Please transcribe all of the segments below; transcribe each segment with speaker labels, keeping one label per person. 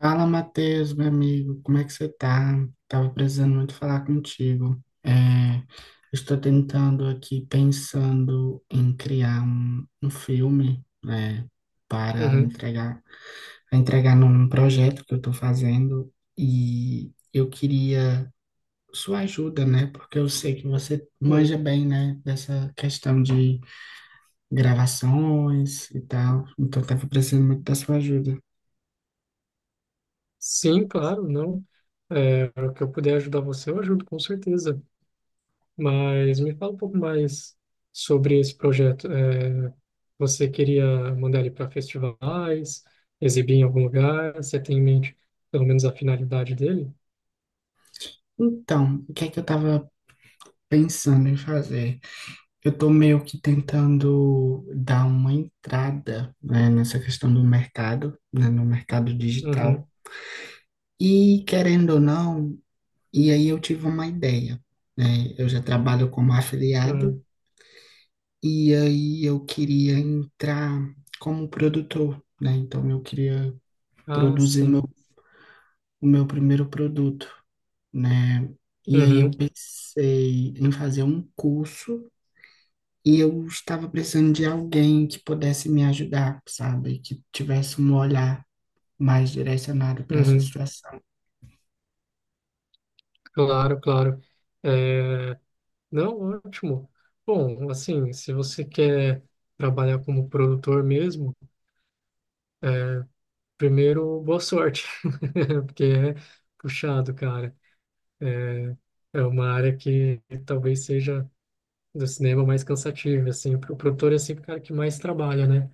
Speaker 1: Fala, Matheus, meu amigo, como é que você tá? Tava precisando muito falar contigo. Estou tentando aqui, pensando em criar um filme, né, para
Speaker 2: Uhum,
Speaker 1: entregar num projeto que eu tô fazendo e eu queria sua ajuda, né? Porque eu sei que você manja
Speaker 2: uhum.
Speaker 1: bem, né, dessa questão de gravações e tal. Então, tava precisando muito da sua ajuda.
Speaker 2: Sim, claro, não. O que eu puder ajudar você, eu ajudo, com certeza. Mas me fala um pouco mais sobre esse projeto. Você queria mandar ele para festivais, exibir em algum lugar? Você tem em mente pelo menos a finalidade dele?
Speaker 1: Então, o que é que eu tava pensando em fazer. Eu estou meio que tentando dar uma entrada, né, nessa questão do mercado, né, no mercado
Speaker 2: Uhum,
Speaker 1: digital. E querendo ou não, e aí eu tive uma ideia, né? Eu já trabalho como
Speaker 2: uhum.
Speaker 1: afiliado e aí eu queria entrar como produtor, né? Então eu queria
Speaker 2: Ah,
Speaker 1: produzir
Speaker 2: sim.
Speaker 1: o meu primeiro produto, né? E aí
Speaker 2: Uhum,
Speaker 1: eu pensei em fazer um curso. E eu estava precisando de alguém que pudesse me ajudar, sabe? Que tivesse um olhar mais direcionado para essa
Speaker 2: uhum.
Speaker 1: situação.
Speaker 2: Claro, claro. É, não, ótimo. Bom, assim, se você quer trabalhar como produtor mesmo, é, Primeiro, boa sorte, porque é puxado, cara. É uma área que talvez seja do cinema mais cansativa, assim. O produtor é sempre o cara que mais trabalha, né?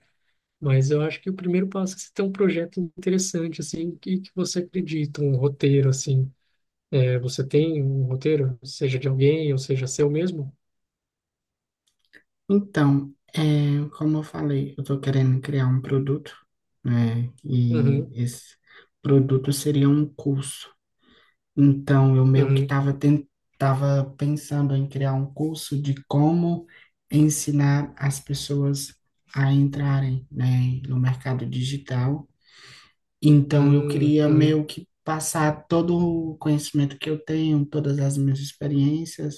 Speaker 2: Mas eu acho que o primeiro passo é você ter um projeto interessante, assim, que você acredita, um roteiro, assim. Você tem um roteiro, seja de alguém ou seja seu mesmo?
Speaker 1: Então, é, como eu falei, eu estou querendo criar um produto, né? E
Speaker 2: Uhum,
Speaker 1: esse produto seria um curso. Então, eu meio que
Speaker 2: uhum,
Speaker 1: estava tava pensando em criar um curso de como ensinar as pessoas a entrarem, né, no mercado digital. Então, eu
Speaker 2: uhum,
Speaker 1: queria
Speaker 2: uhum,
Speaker 1: meio que passar todo o conhecimento que eu tenho, todas as minhas experiências.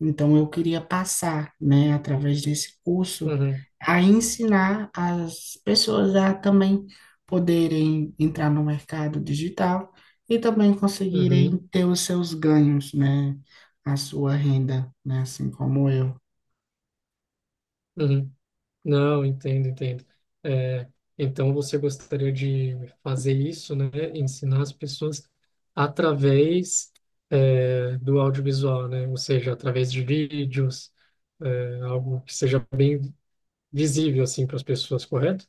Speaker 1: Então, eu queria passar, né, através desse curso,
Speaker 2: uhum,
Speaker 1: a ensinar as pessoas a também poderem entrar no mercado digital e também conseguirem
Speaker 2: uhum,
Speaker 1: ter os seus ganhos, né, a sua renda, né, assim como eu.
Speaker 2: uhum. Não, entendo, entendo. É, então você gostaria de fazer isso, né? Ensinar as pessoas através, do audiovisual, né? Ou seja, através de vídeos, algo que seja bem visível assim para as pessoas, correto?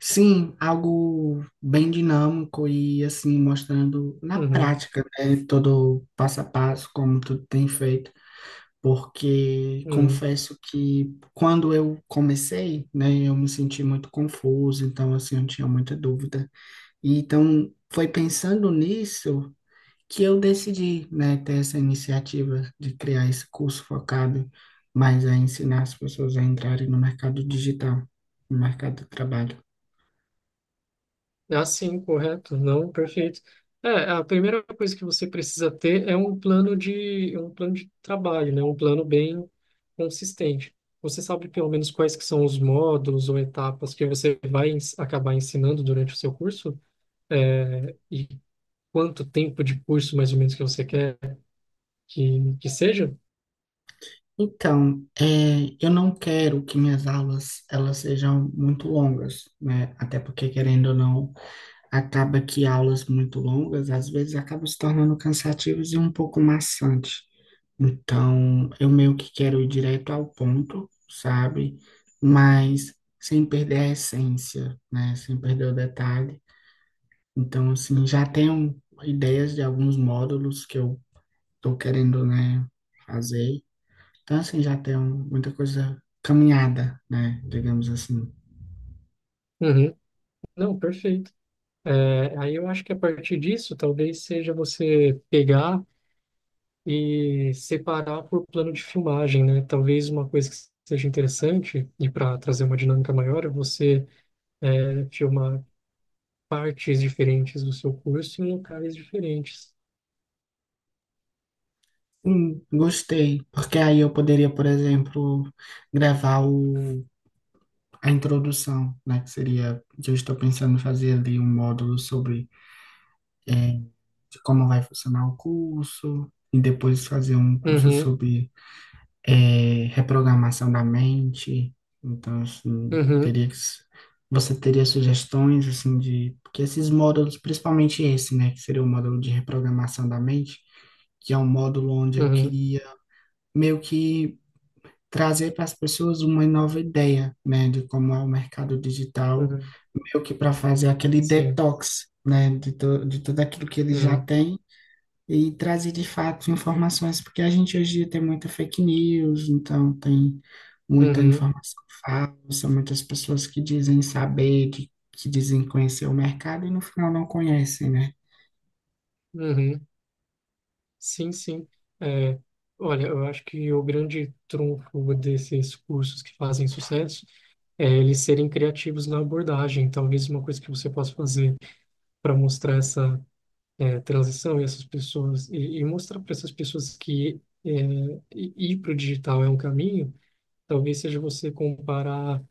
Speaker 1: Sim, algo bem dinâmico e assim mostrando na
Speaker 2: Uhum,
Speaker 1: prática, né, todo o passo a passo, como tudo tem feito, porque
Speaker 2: uhum.
Speaker 1: confesso que quando eu comecei, né, eu me senti muito confuso, então assim eu tinha muita dúvida. E então foi pensando nisso que eu decidi, né, ter essa iniciativa de criar esse curso focado mais a ensinar as pessoas a entrarem no mercado digital, no mercado do trabalho.
Speaker 2: Ah, sim, correto. Não, perfeito. A primeira coisa que você precisa ter é um plano de trabalho, né? Um plano bem consistente. Você sabe pelo menos quais que são os módulos ou etapas que você vai acabar ensinando durante o seu curso? É, E quanto tempo de curso mais ou menos que você quer que seja?
Speaker 1: Então, é, eu não quero que minhas aulas elas sejam muito longas, né? Até porque, querendo ou não, acaba que aulas muito longas às vezes acabam se tornando cansativas e um pouco maçante. Então, eu meio que quero ir direto ao ponto, sabe? Mas sem perder a essência, né? Sem perder o detalhe. Então, assim, já tenho ideias de alguns módulos que eu tô querendo, né, fazer. Então, assim, já tem muita coisa caminhada, né? Digamos assim.
Speaker 2: Uhum. Não, perfeito. Aí eu acho que a partir disso, talvez seja você pegar e separar por plano de filmagem, né? Talvez uma coisa que seja interessante, e para trazer uma dinâmica maior, é você filmar partes diferentes do seu curso em locais diferentes.
Speaker 1: Gostei, porque aí eu poderia, por exemplo, gravar a introdução, né? Que seria, que eu estou pensando em fazer ali um módulo sobre eh, de como vai funcionar o curso, e depois fazer um curso
Speaker 2: Uhum,
Speaker 1: sobre é, reprogramação da mente. Então, assim,
Speaker 2: uhum,
Speaker 1: teria que, você teria sugestões, assim, de... Porque esses módulos, principalmente esse, né, que seria o módulo de reprogramação da mente, que é um módulo onde eu
Speaker 2: uhum,
Speaker 1: queria meio que trazer para as pessoas uma nova ideia, né, de como é o mercado digital,
Speaker 2: uhum,
Speaker 1: meio que para fazer aquele
Speaker 2: sim,
Speaker 1: detox, né, de tudo aquilo que eles já
Speaker 2: uhum,
Speaker 1: têm e trazer de fato informações, porque a gente hoje em dia tem muita fake news, então tem muita
Speaker 2: uhum,
Speaker 1: informação falsa, muitas pessoas que dizem saber, que dizem conhecer o mercado e no final não conhecem, né?
Speaker 2: uhum, sim, sim. É, olha, eu acho que o grande trunfo desses cursos que fazem sucesso é eles serem criativos na abordagem. Talvez uma coisa que você possa fazer para mostrar essa transição e essas pessoas e mostrar para essas pessoas que ir para o digital é um caminho, talvez seja você comparar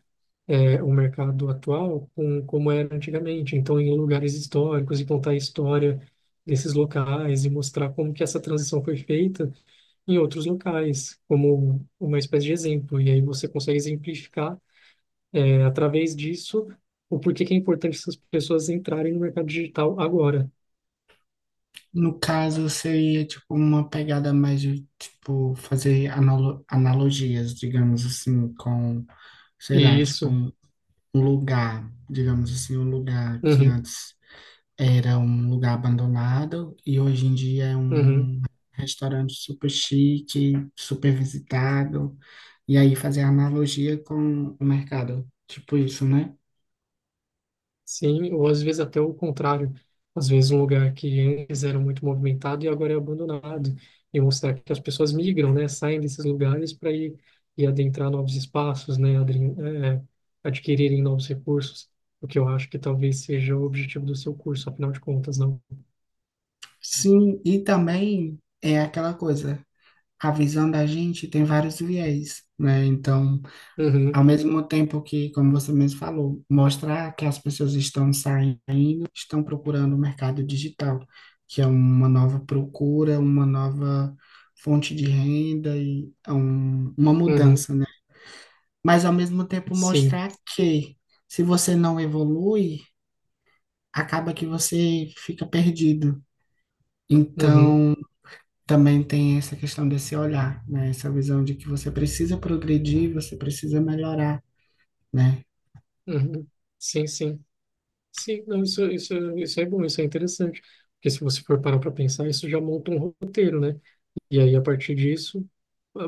Speaker 2: o mercado atual com como era antigamente, então em lugares históricos e contar a história desses locais e mostrar como que essa transição foi feita em outros locais, como uma espécie de exemplo. E aí você consegue exemplificar através disso o porquê que é importante essas pessoas entrarem no mercado digital agora.
Speaker 1: No caso, seria tipo uma pegada mais de tipo fazer analogias, digamos assim, com, sei lá, tipo
Speaker 2: Isso.
Speaker 1: um lugar, digamos assim, um lugar que
Speaker 2: Uhum,
Speaker 1: antes era um lugar abandonado e hoje em dia é
Speaker 2: uhum.
Speaker 1: um restaurante super chique, super visitado. E aí fazer analogia com o mercado, tipo isso, né?
Speaker 2: Sim, ou às vezes até o contrário. Às vezes um lugar que antes era muito movimentado e agora é abandonado. E mostrar que as pessoas migram, né? Saem desses lugares para ir, adentrar novos espaços, né? É, Adquirirem novos recursos. O que eu acho que talvez seja o objetivo do seu curso, afinal de contas, não?
Speaker 1: Sim, e também é aquela coisa, a visão da gente tem vários viés, né? Então,
Speaker 2: Uhum,
Speaker 1: ao mesmo tempo que, como você mesmo falou, mostrar que as pessoas estão saindo estão procurando o mercado digital, que é uma nova procura, uma nova fonte de renda e é uma
Speaker 2: uhum,
Speaker 1: mudança, né? Mas ao mesmo tempo
Speaker 2: sim,
Speaker 1: mostrar que se você não evolui, acaba que você fica perdido.
Speaker 2: uhum,
Speaker 1: Então, também tem essa questão desse olhar, né? Essa visão de que você precisa progredir, você precisa melhorar, né?
Speaker 2: uhum, sim, sim, sim, não, isso é bom, isso é interessante, porque se você for parar para pensar, isso já monta um roteiro, né? E aí, a partir disso,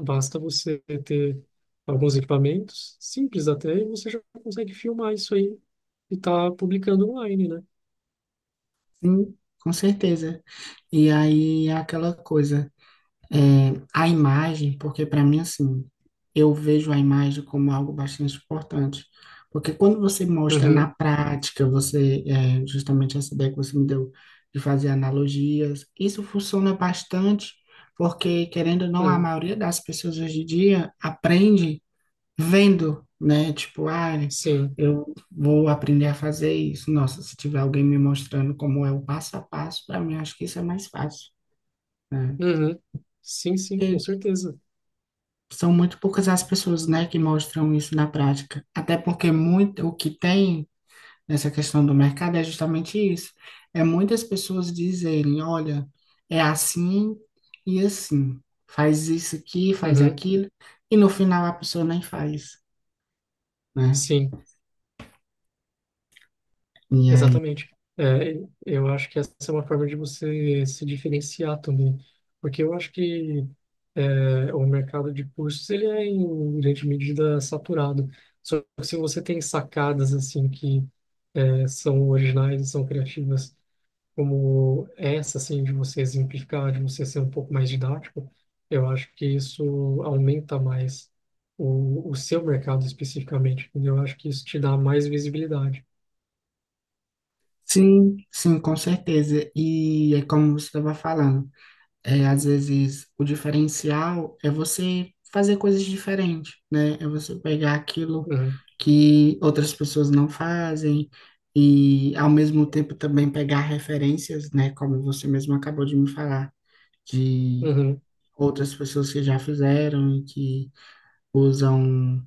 Speaker 2: basta você ter alguns equipamentos, simples até, e você já consegue filmar isso aí e tá publicando online, né?
Speaker 1: Sim, com certeza. E aí é aquela coisa. É, a imagem, porque para mim, assim, eu vejo a imagem como algo bastante importante. Porque quando você mostra
Speaker 2: Uhum,
Speaker 1: na prática, você, é, justamente essa ideia que você me deu de fazer analogias, isso funciona bastante, porque, querendo ou não, a
Speaker 2: uhum,
Speaker 1: maioria das pessoas hoje em dia aprende vendo, né? Tipo, ah,
Speaker 2: sim.
Speaker 1: eu vou aprender a fazer isso. Nossa, se tiver alguém me mostrando como é o passo a passo, para mim, acho que isso é mais fácil, né?
Speaker 2: Uhum, sim, sim, com
Speaker 1: Porque
Speaker 2: certeza.
Speaker 1: são muito poucas as pessoas, né, que mostram isso na prática. Até porque muito o que tem nessa questão do mercado é justamente isso. É muitas pessoas dizerem, olha, é assim e assim. Faz isso aqui, faz
Speaker 2: Uhum,
Speaker 1: aquilo, e no final a pessoa nem faz, né?
Speaker 2: sim.
Speaker 1: E aí,
Speaker 2: Exatamente. É, eu acho que essa é uma forma de você se diferenciar também, porque eu acho que o mercado de cursos ele é em grande medida saturado. Só que se você tem sacadas assim que são originais, são criativas, como essa assim de você exemplificar, de você ser um pouco mais didático, eu acho que isso aumenta mais o seu mercado especificamente. Entendeu? Eu acho que isso te dá mais visibilidade.
Speaker 1: sim, sim, com certeza. E é como você estava falando. É, às vezes o diferencial é você fazer coisas diferentes, né? É você pegar aquilo
Speaker 2: Uhum.
Speaker 1: que outras pessoas não fazem e, ao mesmo tempo, também pegar referências, né? Como você mesmo acabou de me falar, de
Speaker 2: Uhum.
Speaker 1: outras pessoas que já fizeram e que usam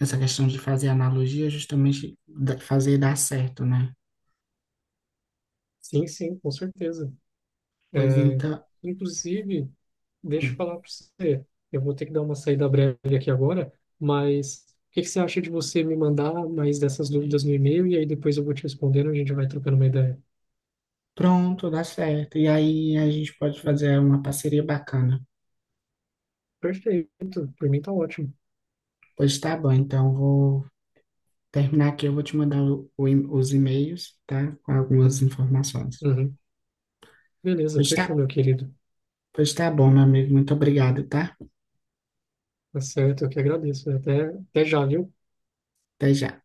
Speaker 1: essa questão de fazer analogia, justamente fazer dar certo, né?
Speaker 2: Sim, sim, com certeza.
Speaker 1: Pois
Speaker 2: É,
Speaker 1: então,
Speaker 2: inclusive, deixa eu falar para você, eu vou ter que dar uma saída breve aqui agora, mas o que que você acha de você me mandar mais dessas dúvidas no e-mail e aí depois eu vou te respondendo, a gente vai trocando uma ideia.
Speaker 1: pronto, dá certo. E aí a gente pode
Speaker 2: Hum.
Speaker 1: fazer uma parceria bacana.
Speaker 2: Perfeito, por mim tá ótimo.
Speaker 1: Pois tá bom, então vou terminar aqui, eu vou te mandar os e-mails, tá? Com algumas informações.
Speaker 2: Uhum. Beleza,
Speaker 1: Pois tá,
Speaker 2: fechou, meu querido.
Speaker 1: pois tá bom, meu amigo, muito obrigado, tá?
Speaker 2: Tá certo, eu que agradeço. Até, até já, viu?
Speaker 1: Até já.